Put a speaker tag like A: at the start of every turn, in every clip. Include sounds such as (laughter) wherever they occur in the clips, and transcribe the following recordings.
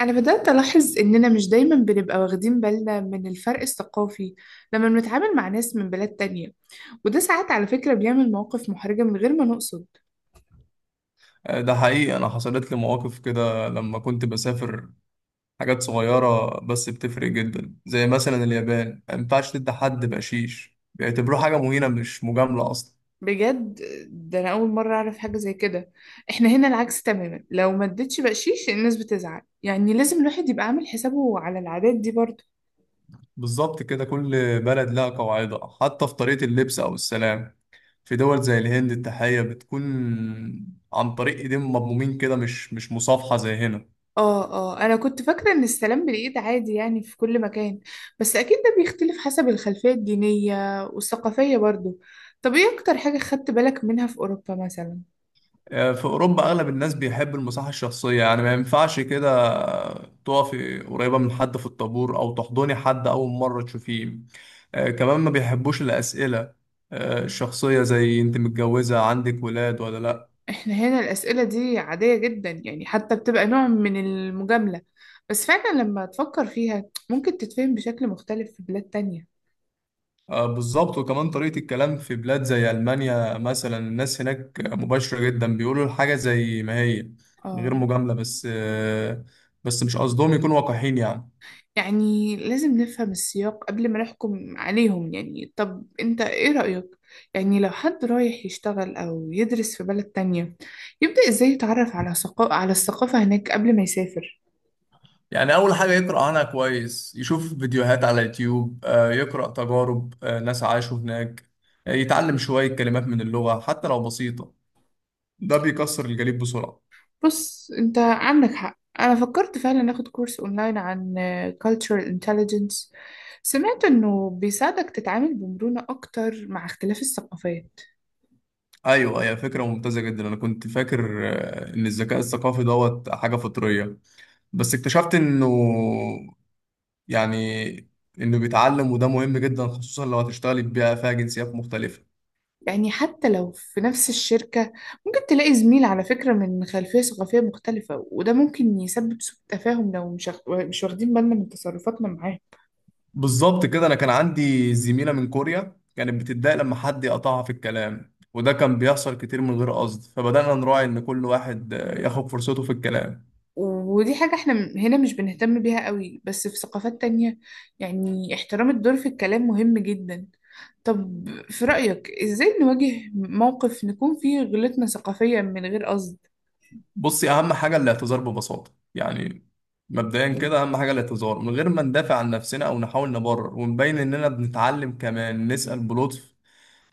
A: أنا بدأت ألاحظ إننا مش دايما بنبقى واخدين بالنا من الفرق الثقافي لما بنتعامل مع ناس من بلاد تانية، وده ساعات على فكرة بيعمل مواقف محرجة من غير ما نقصد.
B: ده حقيقي، أنا حصلت لي مواقف كده لما كنت بسافر. حاجات صغيرة بس بتفرق جدا، زي مثلا اليابان ما ينفعش تدي حد بقشيش، بيعتبروه حاجة مهينة مش مجاملة أصلا.
A: بجد؟ ده أنا أول مرة أعرف حاجة زي كده. إحنا هنا العكس تماما، لو ما اديتش بقشيش الناس بتزعل، يعني لازم الواحد يبقى عامل حسابه على العادات دي برضه.
B: بالظبط كده، كل بلد لها قواعدها حتى في طريقة اللبس أو السلام. في دول زي الهند التحية بتكون عن طريق إيدين مضمومين كده، مش مصافحة زي هنا.
A: اه انا كنت فاكره ان السلام بالايد عادي يعني في كل مكان، بس اكيد ده بيختلف حسب الخلفيه الدينيه والثقافيه برضو. طب ايه اكتر حاجه خدت بالك منها في اوروبا مثلا؟
B: في أوروبا أغلب الناس بيحب المساحة الشخصية، يعني ما ينفعش كده تقفي قريبة من حد في الطابور أو تحضني حد أول مرة تشوفيه. كمان ما بيحبوش الأسئلة الشخصية، زي أنت متجوزة، عندك ولاد ولا لأ.
A: احنا هنا الاسئله دي عاديه جدا، يعني حتى بتبقى نوع من المجامله، بس فعلا لما تفكر فيها ممكن تتفهم بشكل مختلف في بلاد تانية.
B: بالظبط. وكمان طريقة الكلام في بلاد زي ألمانيا مثلا، الناس هناك مباشرة جدا، بيقولوا الحاجة زي ما هي من غير
A: اه.
B: مجاملة، بس مش قصدهم يكونوا وقاحين يعني.
A: يعني لازم نفهم السياق قبل ما نحكم عليهم. يعني طب انت ايه رأيك؟ يعني لو حد رايح يشتغل او يدرس في بلد تانية يبدأ ازاي يتعرف على على الثقافة هناك قبل ما يسافر؟
B: يعني أول حاجة يقرأ عنها كويس، يشوف فيديوهات على يوتيوب، يقرأ تجارب ناس عاشوا هناك، يتعلم شوية كلمات من اللغة حتى لو بسيطة. ده بيكسر الجليد بسرعة.
A: بص، انت عندك حق، انا فكرت فعلا اخد كورس اونلاين عن cultural intelligence. سمعت انه بيساعدك تتعامل بمرونة اكتر مع اختلاف الثقافات.
B: أيوة، هي فكرة ممتازة جدا. أنا كنت فاكر إن الذكاء الثقافي دوت حاجة فطرية، بس اكتشفت إنه، يعني، إنه بيتعلم، وده مهم جدا خصوصا لو هتشتغلي في بيئة فيها جنسيات مختلفة.
A: يعني حتى لو في نفس الشركة ممكن تلاقي زميل على فكرة من خلفية ثقافية مختلفة، وده ممكن يسبب سوء تفاهم لو مش واخدين بالنا من تصرفاتنا معاه.
B: بالظبط كده. انا كان عندي زميله من كوريا، كانت بتتضايق لما حد يقطعها في الكلام، وده كان بيحصل كتير من غير قصد، فبدانا نراعي ان كل واحد ياخد فرصته في الكلام.
A: ودي حاجة احنا هنا مش بنهتم بيها قوي، بس في ثقافات تانية يعني احترام الدور في الكلام مهم جدا. طب في رأيك ازاي نواجه موقف نكون فيه غلطنا ثقافيا من غير قصد؟
B: بصي، اهم حاجه الاعتذار ببساطه يعني. مبدئيا كده، اهم حاجه الاعتذار من غير ما ندافع عن نفسنا او نحاول نبرر، ونبين اننا بنتعلم، كمان نسال بلطف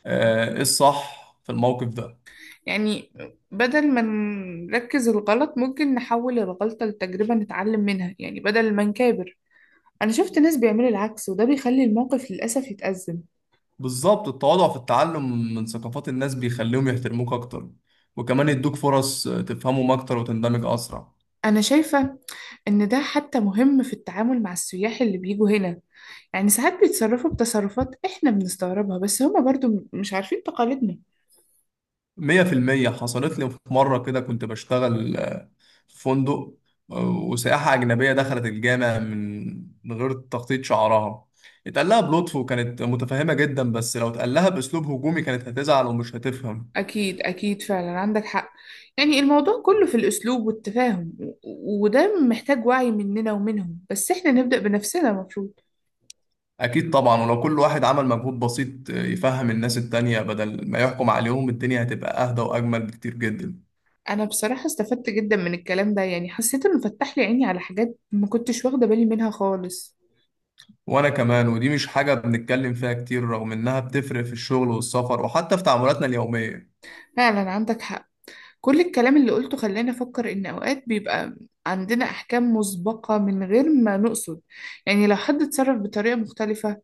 B: ايه الصح في الموقف ده.
A: يعني بدل ما نركز الغلط ممكن نحول الغلطة لتجربة نتعلم منها، يعني بدل ما نكابر. أنا شفت ناس بيعملوا العكس وده بيخلي الموقف للأسف يتأزم.
B: بالظبط، التواضع في التعلم من ثقافات الناس بيخليهم يحترموك اكتر، وكمان يدوك فرص تفهمهم اكتر وتندمج اسرع.
A: أنا شايفة إن ده حتى مهم في التعامل مع السياح اللي بيجوا هنا، يعني ساعات بيتصرفوا بتصرفات إحنا بنستغربها، بس هما برضو مش عارفين تقاليدنا.
B: مية في المية. حصلت لي في مرة كده، كنت بشتغل في فندق، وسائحة أجنبية دخلت الجامع من غير تغطية شعرها. اتقال لها بلطف وكانت متفهمة جدا، بس لو اتقال لها بأسلوب هجومي كانت هتزعل ومش هتفهم.
A: أكيد أكيد، فعلا عندك حق. يعني الموضوع كله في الأسلوب والتفاهم وده محتاج وعي مننا ومنهم، بس إحنا نبدأ بنفسنا المفروض.
B: أكيد طبعا، ولو كل واحد عمل مجهود بسيط يفهم الناس التانية بدل ما يحكم عليهم، الدنيا هتبقى أهدى وأجمل بكتير جدا.
A: أنا بصراحة استفدت جدا من الكلام ده، يعني حسيت إنه فتح لي عيني على حاجات ما كنتش واخدة بالي منها خالص.
B: وأنا كمان، ودي مش حاجة بنتكلم فيها كتير رغم إنها بتفرق في الشغل والسفر وحتى في تعاملاتنا اليومية.
A: فعلا عندك حق، كل الكلام اللي قلته خلاني أفكر إن أوقات بيبقى عندنا أحكام مسبقة من غير ما نقصد. يعني لو حد اتصرف بطريقة مختلفة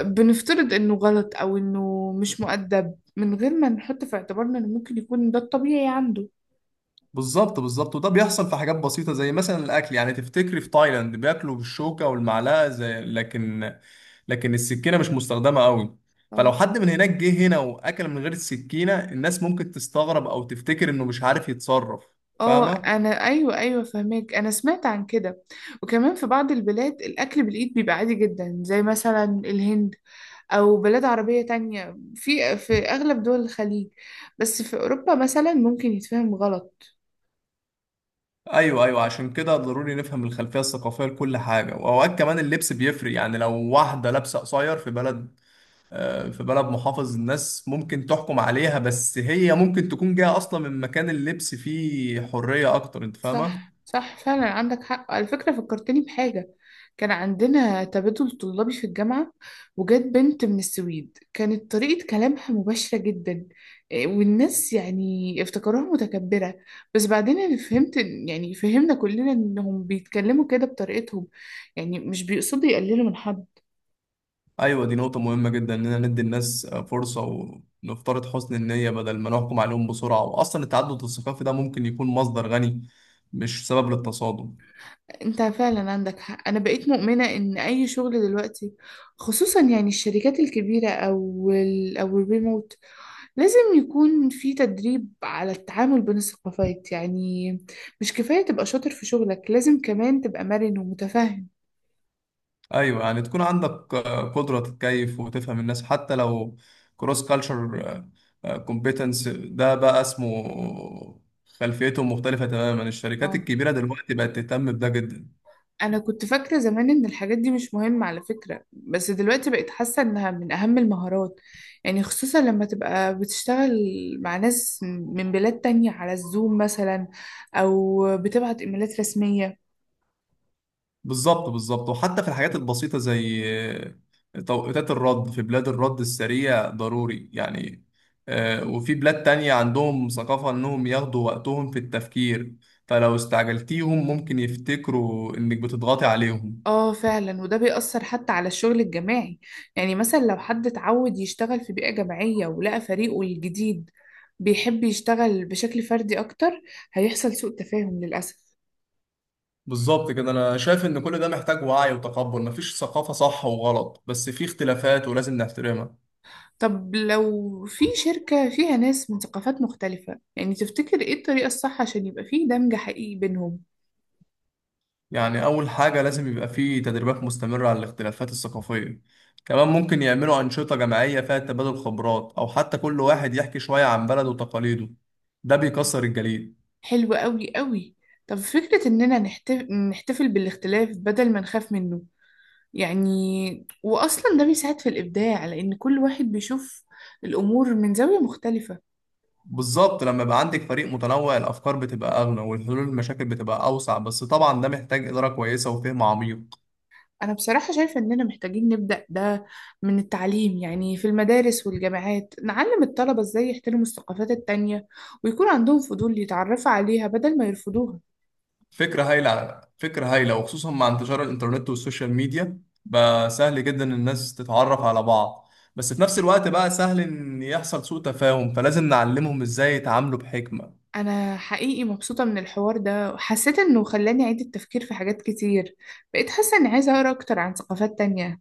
A: بنفترض إنه غلط أو إنه مش مؤدب، من غير ما نحط في اعتبارنا إن ممكن يكون ده الطبيعي عنده.
B: بالظبط بالظبط، وده بيحصل في حاجات بسيطة زي مثلا الأكل. يعني تفتكري في تايلاند بياكلوا بالشوكة والمعلقة زي، لكن السكينة مش مستخدمة قوي. فلو
A: اه.
B: حد من هناك جه هنا وأكل من غير السكينة، الناس ممكن تستغرب أو تفتكر إنه مش عارف يتصرف.
A: آه
B: فاهمة؟
A: أنا أيوة أيوة فهماك، أنا سمعت عن كده. وكمان في بعض البلاد الأكل بالإيد بيبقى عادي جدا، زي مثلا الهند او بلاد عربية تانية في اغلب دول الخليج، بس في اوروبا مثلا ممكن يتفهم غلط.
B: أيوه أيوه، عشان كده ضروري نفهم الخلفية الثقافية لكل حاجة. وأوقات كمان اللبس بيفرق، يعني لو واحدة لابسة قصير في بلد، في بلد محافظ، الناس ممكن تحكم عليها، بس هي ممكن تكون جاية أصلا من مكان اللبس فيه حرية أكتر. أنت
A: صح
B: فاهمة؟
A: صح فعلا عندك حق. على فكرة فكرتني بحاجة، كان عندنا تبادل طلابي في الجامعة وجات بنت من السويد كانت طريقة كلامها مباشرة جدا، إيه، والناس يعني افتكروها متكبرة، بس بعدين أنا فهمت يعني فهمنا كلنا إنهم بيتكلموا كده بطريقتهم، يعني مش بيقصدوا يقللوا من حد.
B: أيوة، دي نقطة مهمة جدا، إننا ندي الناس فرصة ونفترض حسن النية بدل ما نحكم عليهم بسرعة. وأصلا التعدد الثقافي ده ممكن يكون مصدر غني، مش سبب للتصادم.
A: أنت فعلا عندك حق، أنا بقيت مؤمنة إن أي شغل دلوقتي، خصوصا يعني الشركات الكبيرة أو ال أو الريموت، لازم يكون في تدريب على التعامل بين الثقافات، يعني مش كفاية تبقى شاطر في شغلك، لازم كمان تبقى مرن ومتفهم.
B: ايوه، يعني تكون عندك قدره تتكيف وتفهم الناس حتى لو، كروس كالتشر كومبيتنس ده بقى اسمه، خلفيتهم مختلفه تماما. الشركات
A: اه.
B: الكبيره دلوقتي بقت تهتم بده جدا.
A: أنا كنت فاكرة زمان إن الحاجات دي مش مهمة على فكرة، بس دلوقتي بقيت حاسة إنها من أهم المهارات، يعني خصوصا لما تبقى بتشتغل مع ناس من بلاد تانية على الزوم مثلا، أو بتبعت إيميلات رسمية.
B: بالظبط بالظبط، وحتى في الحاجات البسيطه زي توقيتات الرد. في بلاد الرد السريع ضروري يعني، وفي بلاد تانية عندهم ثقافة إنهم ياخدوا وقتهم في التفكير، فلو استعجلتيهم ممكن يفتكروا إنك بتضغطي عليهم.
A: اه فعلا، وده بيأثر حتى على الشغل الجماعي، يعني مثلا لو حد اتعود يشتغل في بيئة جماعية ولقى فريقه الجديد بيحب يشتغل بشكل فردي أكتر، هيحصل سوء تفاهم للأسف.
B: بالظبط كده. انا شايف ان كل ده محتاج وعي وتقبل. مفيش ثقافة صح وغلط، بس في اختلافات ولازم نحترمها.
A: طب لو في شركة فيها ناس من ثقافات مختلفة، يعني تفتكر ايه الطريقة الصح عشان يبقى فيه دمج حقيقي بينهم؟
B: يعني اول حاجة لازم يبقى في تدريبات مستمرة على الاختلافات الثقافية. كمان ممكن يعملوا أنشطة جماعية فيها تبادل خبرات، او حتى كل واحد يحكي شوية عن بلده وتقاليده. ده بيكسر الجليد.
A: حلو قوي قوي. طب فكرة إننا نحتفل بالاختلاف بدل ما نخاف منه، يعني واصلا ده بيساعد في الابداع، لان كل واحد بيشوف الامور من زاويه مختلفه.
B: بالظبط، لما يبقى عندك فريق متنوع الافكار بتبقى اغنى، والحلول المشاكل بتبقى اوسع، بس طبعا ده محتاج إدارة كويسة وفهم عميق.
A: انا بصراحه شايفه اننا محتاجين نبدا ده من التعليم، يعني في المدارس والجامعات نعلم الطلبه ازاي يحترموا الثقافات التانية ويكون عندهم فضول يتعرفوا عليها بدل ما يرفضوها.
B: فكرة هايلة، فكرة هايلة، وخصوصا مع انتشار الإنترنت والسوشيال ميديا بقى سهل جدا إن الناس تتعرف على بعض، بس في نفس الوقت بقى سهل إن يحصل سوء تفاهم، فلازم نعلمهم إزاي يتعاملوا بحكمة.
A: انا حقيقي مبسوطه من الحوار ده، وحسيت انه خلاني اعيد التفكير في حاجات كتير، بقيت حاسه اني عايزه اقرا اكتر عن ثقافات تانية.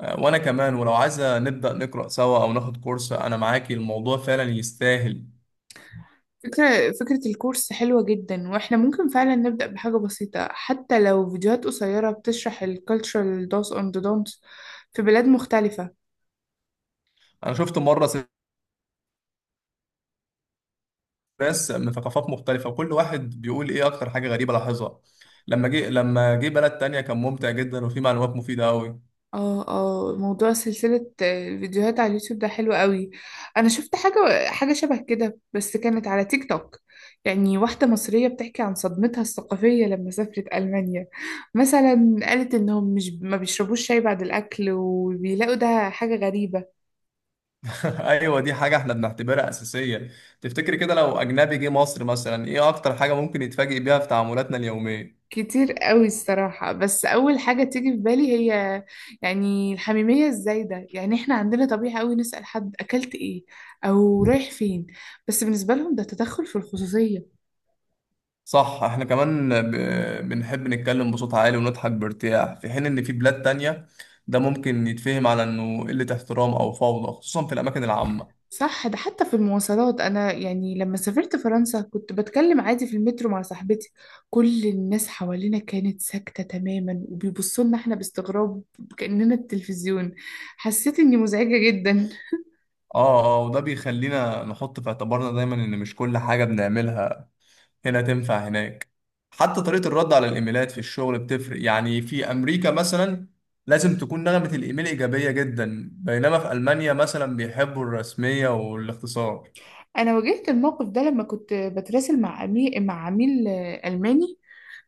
B: وأنا كمان. ولو عايزة نبدأ نقرأ سوا أو ناخد كورس، أنا معاكي، الموضوع فعلا يستاهل.
A: فكرة الكورس حلوة جدا، واحنا ممكن فعلا نبدأ بحاجة بسيطة حتى لو فيديوهات قصيرة بتشرح ال cultural do's and the don'ts في بلاد مختلفة.
B: أنا شفت مرة ناس من ثقافات مختلفة وكل واحد بيقول إيه أكتر حاجة غريبة لاحظها لما جه بلد تانية. كان ممتع جدا وفيه معلومات مفيدة أوي.
A: اه موضوع سلسلة الفيديوهات على اليوتيوب ده حلو قوي. انا شفت حاجة شبه كده بس كانت على تيك توك، يعني واحدة مصرية بتحكي عن صدمتها الثقافية لما سافرت ألمانيا، مثلا قالت إنهم مش ما بيشربوش شاي بعد الأكل وبيلاقوا ده حاجة غريبة.
B: (laughs) ايوه، دي حاجه احنا بنعتبرها اساسيه. تفتكر كده لو اجنبي جه مصر مثلا، ايه اكتر حاجه ممكن يتفاجئ بيها في تعاملاتنا اليوميه؟
A: كتير قوي الصراحة، بس أول حاجة تيجي في بالي هي يعني الحميمية الزايدة، يعني إحنا عندنا طبيعة قوي نسأل حد أكلت إيه أو رايح فين، بس بالنسبة لهم ده تدخل في الخصوصية.
B: صح، احنا كمان بنحب نتكلم بصوت عالي ونضحك بارتياح، في حين ان في بلاد تانية ده ممكن يتفهم على انه قله احترام او فوضى، خصوصا في الاماكن العامه.
A: صح، ده حتى في المواصلات، أنا يعني لما سافرت فرنسا كنت بتكلم عادي في المترو مع صاحبتي، كل الناس حوالينا كانت ساكتة تماما وبيبصوا لنا إحنا باستغراب، كأننا التلفزيون، حسيت إني مزعجة جدا.
B: اه اه، وده بيخلينا نحط في اعتبارنا دايما ان مش كل حاجه بنعملها هنا تنفع هناك. حتى طريقة الرد على الإيميلات في الشغل بتفرق. يعني في أمريكا مثلا لازم تكون نغمة الإيميل إيجابية جدا، بينما في ألمانيا مثلا بيحبوا الرسمية والاختصار.
A: انا واجهت الموقف ده لما كنت بتراسل مع عميل مع عميل الماني،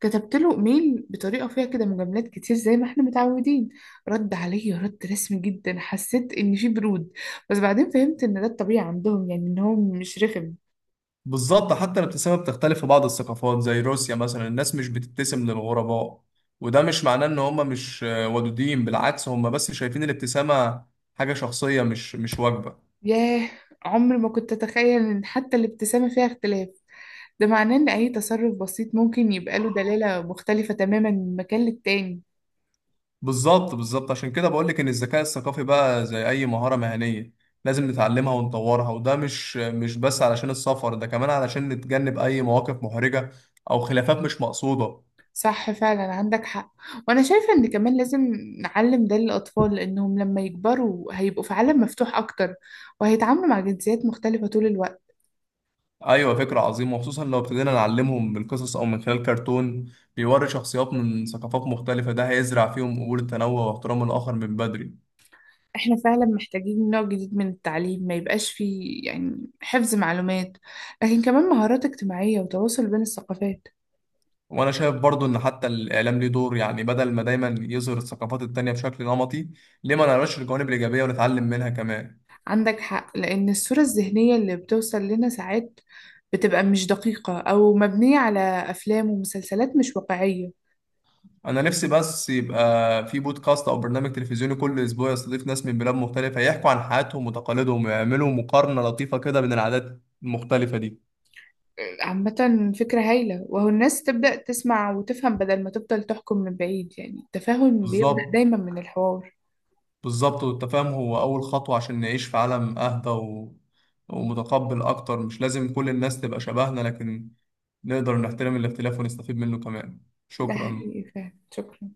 A: كتبت له ايميل بطريقه فيها كده مجاملات كتير زي ما احنا متعودين، رد عليا رد رسمي جدا، حسيت ان في برود، بس بعدين فهمت ان ده الطبيعي عندهم، يعني ان هو مش رخم.
B: بالظبط، حتى الابتسامة بتختلف في بعض الثقافات زي روسيا مثلا، الناس مش بتبتسم للغرباء، وده مش معناه إن هم مش ودودين، بالعكس هم بس شايفين الابتسامة حاجة شخصية، مش واجبة.
A: ياه، عمري ما كنت اتخيل ان حتى الابتسامه فيها اختلاف، ده معناه ان اي تصرف بسيط ممكن يبقى له دلاله مختلفه تماما من مكان للتاني.
B: بالظبط بالظبط، عشان كده بقولك إن الذكاء الثقافي بقى زي أي مهارة مهنية لازم نتعلمها ونطورها، وده مش بس علشان السفر، ده كمان علشان نتجنب أي مواقف محرجة أو خلافات مش مقصودة.
A: صح فعلا عندك حق، وانا شايفة ان كمان لازم نعلم ده للاطفال، لانهم لما يكبروا هيبقوا في عالم مفتوح اكتر وهيتعاملوا مع جنسيات مختلفة طول الوقت.
B: أيوة، فكرة عظيمة، وخصوصا لو ابتدينا نعلمهم بالقصص أو من خلال كرتون بيوري شخصيات من ثقافات مختلفة، ده هيزرع فيهم قبول التنوع واحترام الآخر من بدري.
A: احنا فعلا محتاجين نوع جديد من التعليم ما يبقاش فيه يعني حفظ معلومات، لكن كمان مهارات اجتماعية وتواصل بين الثقافات.
B: وأنا شايف برضو إن حتى الإعلام ليه دور، يعني بدل ما دايما يظهر الثقافات التانية بشكل نمطي، ليه ما نقراش الجوانب الإيجابية ونتعلم منها كمان.
A: عندك حق، لان الصورة الذهنية اللي بتوصل لنا ساعات بتبقى مش دقيقة او مبنية على افلام ومسلسلات مش واقعية.
B: انا نفسي بس يبقى في بودكاست او برنامج تلفزيوني كل اسبوع يستضيف ناس من بلاد مختلفة، يحكوا عن حياتهم وتقاليدهم، ويعملوا مقارنة لطيفة كده بين العادات المختلفة دي.
A: عامة فكرة هايلة، وهو الناس تبدأ تسمع وتفهم بدل ما تفضل تحكم من بعيد، يعني التفاهم بيبدأ
B: بالظبط
A: دايما من الحوار.
B: بالظبط، والتفاهم هو اول خطوة عشان نعيش في عالم اهدى ومتقبل اكتر. مش لازم كل الناس تبقى شبهنا، لكن نقدر نحترم الاختلاف ونستفيد منه كمان.
A: ده
B: شكرا.
A: حقيقي، فعلا شكرا.